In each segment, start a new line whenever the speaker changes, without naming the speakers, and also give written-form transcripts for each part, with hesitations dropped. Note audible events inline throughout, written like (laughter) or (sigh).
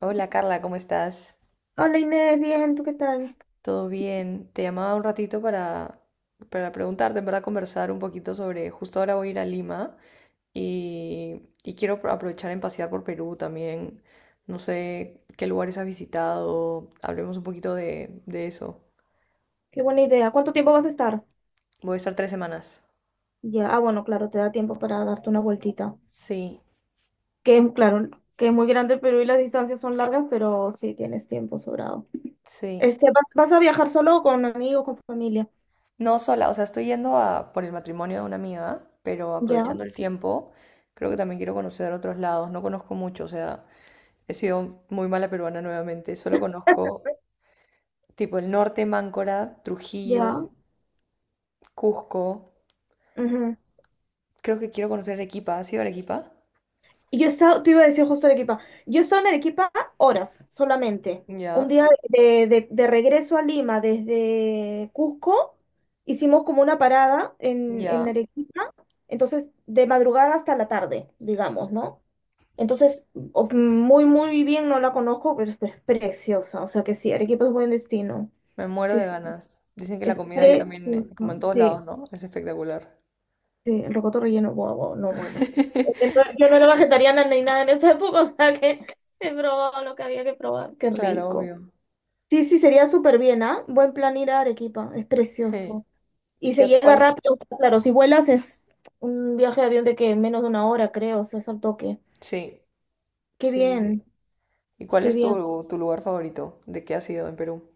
Hola Carla, ¿cómo estás?
Hola Inés, bien, ¿tú qué tal?
¿Todo bien? Te llamaba un ratito para preguntarte, en verdad, conversar un poquito sobre, justo ahora voy a ir a Lima y quiero aprovechar en pasear por Perú también. No sé qué lugares has visitado, hablemos un poquito de eso.
Qué buena idea. ¿Cuánto tiempo vas a estar?
Voy a estar tres semanas.
Ya, ah, bueno, claro, te da tiempo para darte una vueltita.
Sí,
Que es, claro, que es muy grande el Perú y las distancias son largas, pero sí tienes tiempo sobrado.
sí.
¿Vas a viajar solo o con amigos, con familia?
No sola, o sea, estoy yendo a, por el matrimonio de una amiga, pero
Ya,
aprovechando el tiempo, creo que también quiero conocer otros lados. No conozco mucho, o sea, he sido muy mala peruana nuevamente. Solo conozco tipo el norte, Máncora, Trujillo,
ya.
Cusco.
Ujú.
Creo que quiero conocer Arequipa. ¿Has ido a Arequipa?
Y yo he estado, te iba a decir justo Arequipa, yo he estado en Arequipa horas solamente. Un
Ya,
día de, de regreso a Lima desde Cusco, hicimos como una parada en
ya.
Arequipa, entonces de madrugada hasta la tarde, digamos, ¿no? Entonces, muy, muy bien, no la conozco, pero es preciosa, o sea que sí, Arequipa es buen destino.
Me muero
Sí,
de
sí,
ganas. Dicen que la
es
comida ahí también, como en
precioso,
todos
sí.
lados, ¿no? Es espectacular.
Sí, el rocoto relleno, guau, guau, no, bueno. Yo no
(laughs)
yo no era vegetariana ni nada en esa época, (laughs) o sea que he probado lo que había que probar, qué
Claro,
rico.
obvio.
Sí, sí, sería súper bien, ¿ah? Buen plan ir a Arequipa, es
Hey,
precioso. Y se llega
cuál?
rápido, o sea, claro, si vuelas es un viaje de avión de que menos de una hora, creo, o sea, es al toque.
Sí,
Qué
sí, sí,
bien,
sí. ¿Y cuál
qué
es
bien.
tu lugar favorito? ¿De qué has ido en Perú?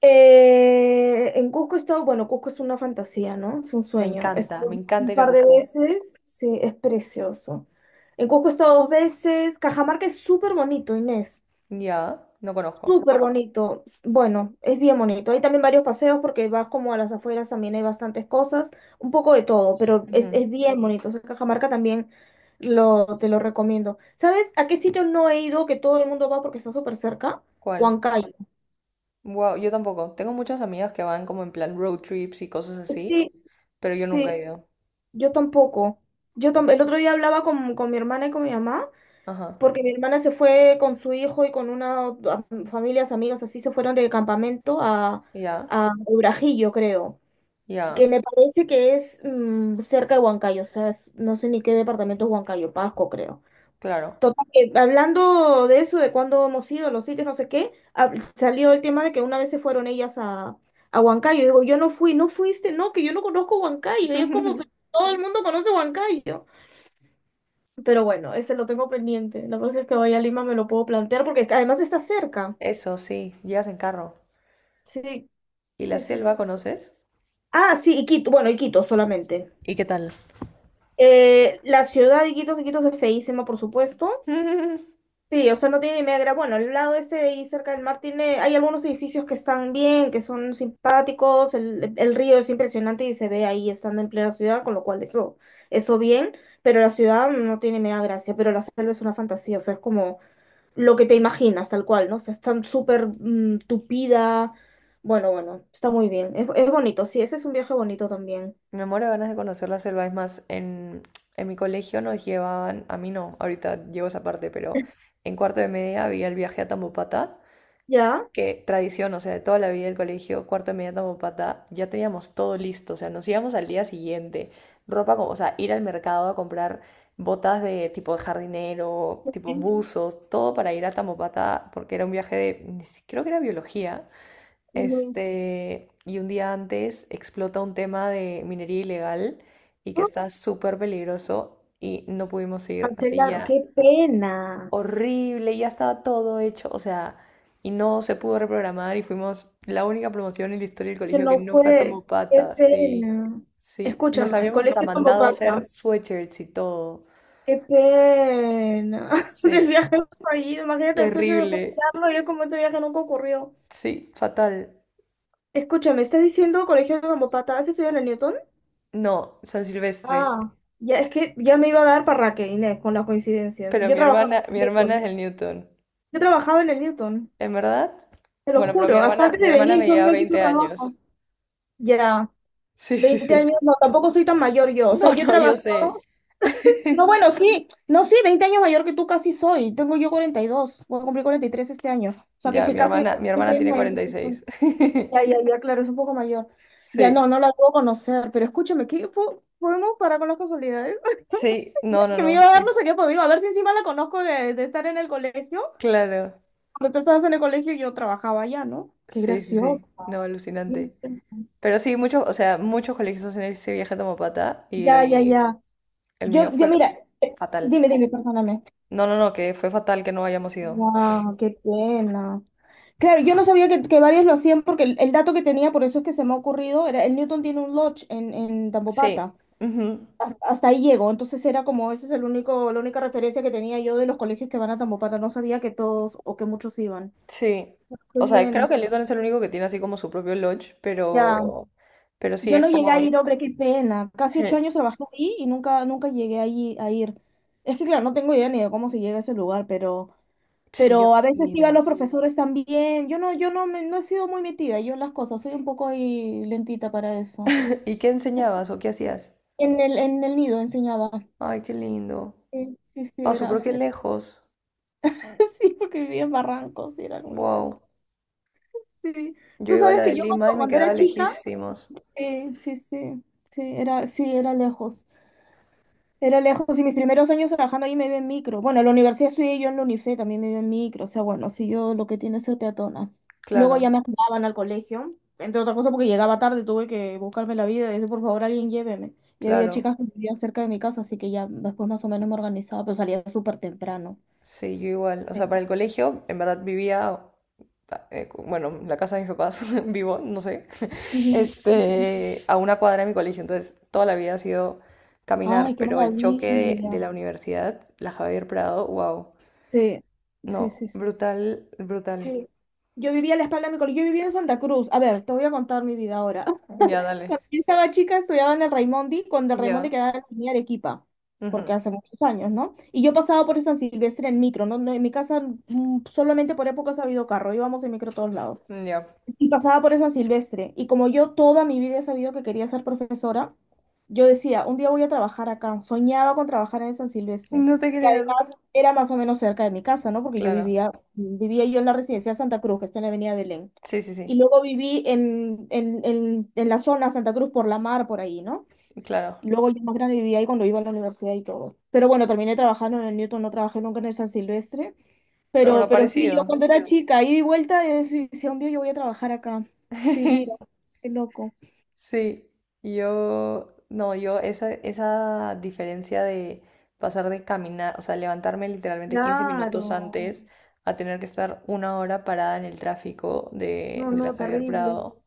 En Cusco he estado, bueno, Cusco es una fantasía, ¿no? Es un sueño. He
Me
estado
encanta
un
ir a
par de
Cusco.
veces, sí, es precioso. En Cusco he estado dos veces. Cajamarca es súper bonito, Inés.
Ya, no conozco.
Súper bonito. Bueno, es bien bonito. Hay también varios paseos porque vas como a las afueras, también hay bastantes cosas, un poco de todo, pero
Ujú.
es bien bonito. O sea, Cajamarca también lo, te lo recomiendo. ¿Sabes a qué sitio no he ido que todo el mundo va porque está súper cerca?
¿Cuál?
Huancayo.
Wow, yo tampoco. Tengo muchas amigas que van como en plan road trips y cosas así,
Sí,
pero yo nunca
sí.
he ido.
Yo tampoco. El otro día hablaba con mi hermana y con mi mamá,
Ajá.
porque mi hermana se fue con su hijo y con una familias, amigas, así se fueron de campamento
Ya,
a Urajillo, creo, que
ya,
me parece que es cerca de Huancayo, o sea, no sé ni qué departamento es Huancayo, Pasco, creo.
claro.
Total, que hablando de eso, de cuándo hemos ido, los sitios, no sé qué, salió el tema de que una vez se fueron ellas a Huancayo. Digo, yo no fui, no fuiste, no, que yo no conozco Huancayo. Y yo como, "Pero
(laughs)
todo el mundo conoce Huancayo". Pero bueno, ese lo tengo pendiente. La próxima vez que vaya a Lima me lo puedo plantear porque además está cerca.
Eso sí, llegas en carro.
Sí,
¿Y la
sí, sí, sí.
selva conoces?
Ah, sí, Iquitos. Bueno, Iquitos solamente.
¿Y qué tal?
La ciudad de Iquitos, Iquitos es feísima, por supuesto.
(laughs)
Sí, o sea, no tiene ni media bueno, al lado ese de ahí cerca del mar tiene, hay algunos edificios que están bien, que son simpáticos. El río es impresionante y se ve ahí estando en plena ciudad, con lo cual eso, eso bien. Pero la ciudad no tiene media gracia, pero la selva es una fantasía. O sea, es como lo que te imaginas, tal cual, ¿no? O sea, está súper tupida. Bueno, bueno, está muy bien. Es bonito, sí, ese es un viaje bonito también.
Me muero de ganas de conocer la selva. Es más, en mi colegio nos llevaban, a mí no, ahorita llevo esa parte, pero en cuarto de media había el viaje a Tambopata
¿Ya?
que tradición, o sea, de toda la vida del colegio, cuarto de media tamopata, ya teníamos todo listo, o sea, nos íbamos al día siguiente, ropa como, o sea, ir al mercado a comprar botas de tipo jardinero, tipo buzos, todo para ir a Tamopata, porque era un viaje de, creo que era biología,
Mm,
este, y un día antes explota un tema de minería ilegal y que
ah,
está súper peligroso y no pudimos ir, así
cancelaron,
ya
qué pena.
horrible, y ya estaba todo hecho, o sea, y no se pudo reprogramar y fuimos la única promoción en la historia del
Que
colegio que
no
no fue a
fue, qué
Tamopata, sí,
pena.
sí, nos
Escúchame, el
habíamos hasta
colegio tampoco
mandado a
pasa.
hacer sweatshirts y todo,
Qué pena. (laughs) Del
sí,
viaje fallido, imagínate el sueño de
terrible,
poder yo como este viaje nunca ocurrió.
sí, fatal.
Escúchame, ¿estás diciendo colegio de Zambopata? ¿Has estudiado en el Newton?
No, San Silvestre,
Ah, ya es que ya me iba a dar para que Inés con las coincidencias.
pero
Yo
mi
trabajaba
hermana, mi
en el
hermana es
Newton.
el Newton.
Yo trabajaba en el Newton,
¿En verdad?
te lo
Bueno, pero mi
juro. Hasta
hermana,
antes
mi
de
hermana
venir,
me
yo
lleva
mira que yo
20 años,
trabajo. Ya,
sí, sí,
20
sí.
años, no, tampoco soy tan mayor
(laughs)
yo. O
No,
sea, yo
no,
trabajo.
yo sé.
No,
(laughs)
bueno, sí, no, sí, 20 años mayor que tú casi soy. Tengo yo 42. Voy a cumplir 43 este año. O sea, que
Ya,
sí,
mi
casi
hermana,
casi
mi hermana
20 años
tiene
mayor que
cuarenta y
tú
seis
soy. Ya,
(laughs)
ya, ya, claro, es un poco mayor. Ya,
Sí,
no, no la puedo conocer, pero escúchame, ¿qué podemos parar con las casualidades?
sí, no, no,
Que me iba
no,
a dar
y-
no sé qué, pues digo, a ver si encima la conozco de estar en el colegio,
claro,
cuando tú estabas en el colegio yo trabajaba allá, ¿no? Qué
sí, sí, sí,
gracioso.
no,
Ya,
alucinante. Pero sí, muchos, o sea, muchos colegios hacen ese viaje a Tomopata
ya,
y
ya.
el mío fue
Mira,
fatal.
perdóname.
No, no, no, que fue fatal que no hayamos ido.
Wow, qué pena. Claro, yo no sabía que varios lo hacían porque el dato que tenía, por eso es que se me ha ocurrido, era el Newton tiene un lodge en
Sí,
Tambopata.
ujú,
Hasta ahí llego, entonces era como, ese es el único, la única referencia que tenía yo de los colegios que van a Tambopata, no sabía que todos o que muchos iban.
sí.
Qué
O sea, creo
bien,
que Lytton es el único que tiene así como su propio lodge,
ya.
pero sí
Yo
es
no llegué a
como,
ir, hombre, qué pena. Casi 8 años
(laughs)
trabajé ahí y nunca, nunca llegué ahí a ir. Es que, claro, no tengo idea ni de cómo se llega a ese lugar,
sí, yo
pero a veces
ni
iban
idea.
los profesores también. Yo no, yo no, no he sido muy metida, yo en las cosas, soy un poco ahí lentita para eso.
(laughs) ¿Y qué enseñabas o qué hacías?
En el nido enseñaba.
Ay, qué lindo.
Sí, sí, sí,
Ah, su
era,
pero
sí,
qué
era.
lejos.
(laughs) Sí, porque vivía en Barrancos y era muy lejos.
Wow.
Sí.
Yo
Tú
iba a la
sabes que
de
yo
Lima
cuando
y me
cuando
quedaba
era chica,
lejísimos.
sí, sí, sí, era lejos. Era lejos y mis primeros años trabajando ahí me iba en micro. Bueno, en la universidad estudié yo en la UNIFE, también me iba en micro. O sea, bueno, si yo lo que tiene es ser peatona. Luego ya
Claro,
me mandaban al colegio, entre otras cosas porque llegaba tarde, tuve que buscarme la vida y decir, por favor, alguien lléveme. Y había
claro.
chicas que vivían cerca de mi casa, así que ya después más o menos me organizaba, pero salía súper temprano.
Sí, yo igual. O sea, para
Sí.
el colegio, en verdad vivía, bueno, en la casa de mis papás, (laughs) vivo, no sé, (laughs)
Ujú.
este, a una cuadra de mi colegio. Entonces, toda la vida ha sido caminar,
Ay, qué
pero el choque de
maravilla.
la universidad, la Javier Prado, wow.
Sí, sí,
No,
sí, sí.
brutal, brutal.
Sí. Yo vivía a la espalda de mi colegio, yo vivía en Santa Cruz. A ver, te voy a contar mi vida ahora.
Ya, dale.
Cuando yo estaba chica estudiaba en el Raimondi, cuando el Raimondi
Ya,
quedaba en la avenida Arequipa, porque
ujú,
hace muchos años, ¿no? Y yo pasaba por el San Silvestre en micro, ¿no? No, en mi casa solamente por épocas ha habido carro, íbamos en micro a todos lados.
ya.
Y pasaba por esa Silvestre. Y como yo toda mi vida he sabido que quería ser profesora, yo decía, un día voy a trabajar acá. Soñaba con trabajar en San Silvestre,
No te
que
creo.
además era más o menos cerca de mi casa, ¿no? Porque yo
Claro.
vivía, vivía yo en la residencia Santa Cruz, que está en la Avenida Belén.
Sí, sí,
Y
sí.
luego viví en la zona Santa Cruz por la mar, por ahí, ¿no?
Claro.
Y luego yo más grande vivía ahí cuando iba a la universidad y todo. Pero bueno, terminé trabajando en el Newton, no trabajé nunca en el San Silvestre.
Pero
Pero,
bueno,
pero sí, yo
parecido.
cuando era chica, ida y vuelta, y decía, un día yo voy a trabajar acá. Sí, mira,
(laughs)
qué loco.
Sí, yo, no, yo esa, esa diferencia de pasar de caminar, o sea, levantarme literalmente 15 minutos
Claro.
antes a tener que estar una hora parada en el tráfico de,
No,
de la
no,
Javier
terrible.
Prado,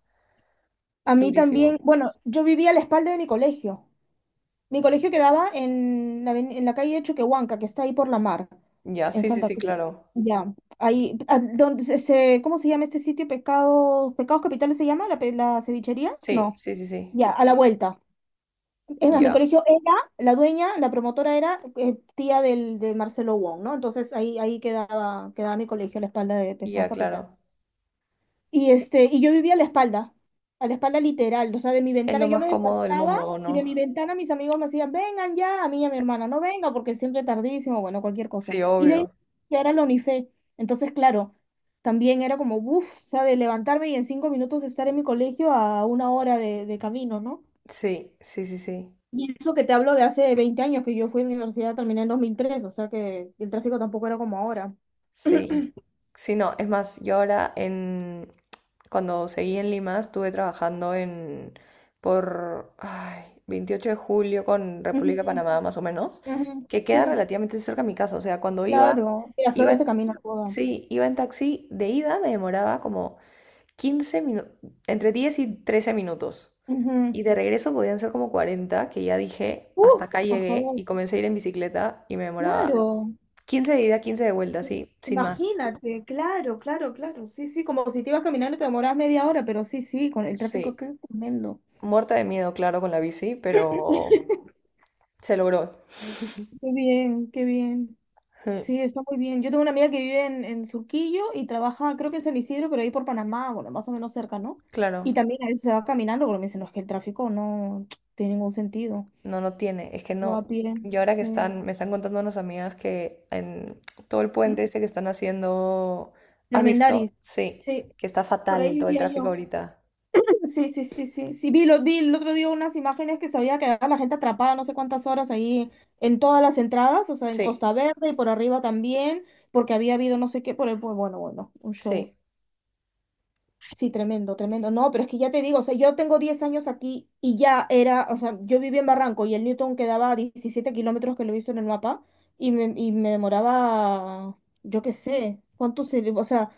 A mí
durísimo.
también, bueno, yo vivía a la espalda de mi colegio. Mi colegio quedaba en la, en la calle Choquehuanca, que está ahí por la mar,
Ya,
en
sí, sí,
Santa
sí,
Cruz.
claro.
Ya, ahí, donde se, ¿cómo se llama este sitio? Pescados, Pescados Capitales se llama, la, la cevichería,
Sí,
no.
sí, sí, sí.
Ya, a la vuelta. Es más, mi
Ya,
colegio era, la dueña, la promotora era tía del, de Marcelo Wong, ¿no? Entonces ahí quedaba, quedaba mi colegio a la espalda de Pescados
ya,
Capital.
claro.
Y, este, y yo vivía a la espalda literal, o sea, de mi
Es
ventana
lo
yo
más
me
cómodo del mundo,
despertaba
¿o
y de mi
no?
ventana mis amigos me hacían, vengan ya, a mí y a mi hermana, no venga porque siempre tardísimo, bueno, cualquier cosa.
Sí,
Y de ahí
obvio.
ya era la Unife. Entonces, claro, también era como, uff, o sea, de levantarme y en 5 minutos estar en mi colegio a una hora de camino, ¿no?
Sí, sí, sí, sí.
Y eso que te hablo de hace 20 años, que yo fui a la universidad, terminé en 2003, o sea que el tráfico tampoco era como ahora.
Sí, sí, no, es más, yo ahora en cuando seguí en Lima estuve trabajando en por ay, 28 de julio con
Ujú,
República de Panamá más o menos,
ujú,
que
sí,
queda relativamente cerca de mi casa, o sea, cuando iba
claro.
iba
Flores se
en,
camina todo.
sí, iba en taxi de ida me demoraba como 15 minutos, entre 10 y 13 minutos.
Ujú.
Y de regreso podían ser como 40 que ya dije, hasta acá
Por
llegué y
favor,
comencé a ir en bicicleta y me demoraba
claro.
15 de ida, 15 de vuelta, así, sin más.
Imagínate, claro, claro, claro. Sí, sí, como si te ibas caminando y te demoras media hora, pero sí, sí, con el tráfico,
Sí,
qué tremendo.
muerta de miedo, claro, con la bici, pero
(laughs)
se logró.
Qué bien, qué bien.
Ujú,
Sí, está muy bien. Yo tengo una amiga que vive en Surquillo y trabaja, creo que en San Isidro, pero ahí por Panamá, bueno, más o menos cerca, ¿no?
claro,
Y también a veces se va caminando, porque me dicen, no, es que el tráfico no tiene ningún sentido.
no, no tiene. Es que
Se va a
no.
pie,
Y ahora que
sí.
están, me están contando unas amigas que en todo el puente este que
(clears throat)
están haciendo, ¿has visto?
Armendáriz.
Sí,
Sí,
que está
por ahí
fatal todo el
vivía
tráfico
yo.
ahorita.
Sí, sí, sí, sí. Sí, vi, lo, vi el otro día unas imágenes que se había quedado la gente atrapada no sé cuántas horas ahí en todas las entradas, o sea, en
Sí,
Costa Verde y por arriba también, porque había habido no sé qué, por el, bueno, bueno, un show.
sí.
Sí, tremendo, tremendo. No, pero es que ya te digo, o sea, yo tengo 10 años aquí y ya era, o sea, yo vivía en Barranco y el Newton quedaba a 17 kilómetros que lo hizo en el mapa y me demoraba, yo qué sé, cuánto se, o sea,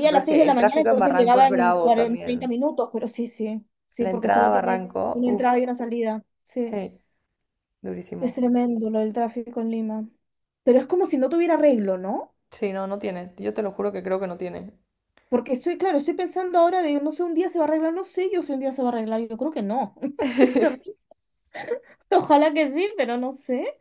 No,
a
pero
las
es
6 de
que
la
el
mañana,
tráfico en
entonces
Barranco es
llegaba en
bravo
40, 30
también.
minutos, pero sí, sí, sí,
La
porque
entrada a
solo tiene
Barranco,
una
uff,
entrada y una salida. Sí,
hey,
es
durísimo.
tremendo lo del tráfico en Lima. Pero es como si no tuviera arreglo, ¿no?
Sí, no, no tiene. Yo te lo juro que creo que no tiene.
Porque estoy, claro, estoy pensando ahora de, no sé, un día se va a arreglar, no sé yo si un día se va a arreglar, yo creo que no. (laughs) Sinceramente,
(laughs)
ojalá que sí, pero no sé.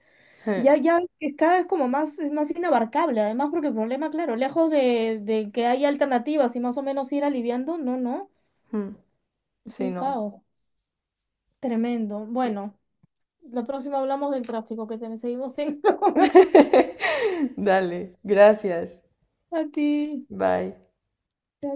Ya, ya es cada vez como más, es más inabarcable, además porque el problema, claro, lejos de que haya alternativas y más o menos ir aliviando, no, no,
Hmm,
es
sí,
un
no.
caos tremendo. Bueno, la próxima hablamos del tráfico que tenemos, seguimos en (laughs) la conversación.
(laughs) Dale, gracias.
A ti.
Bye.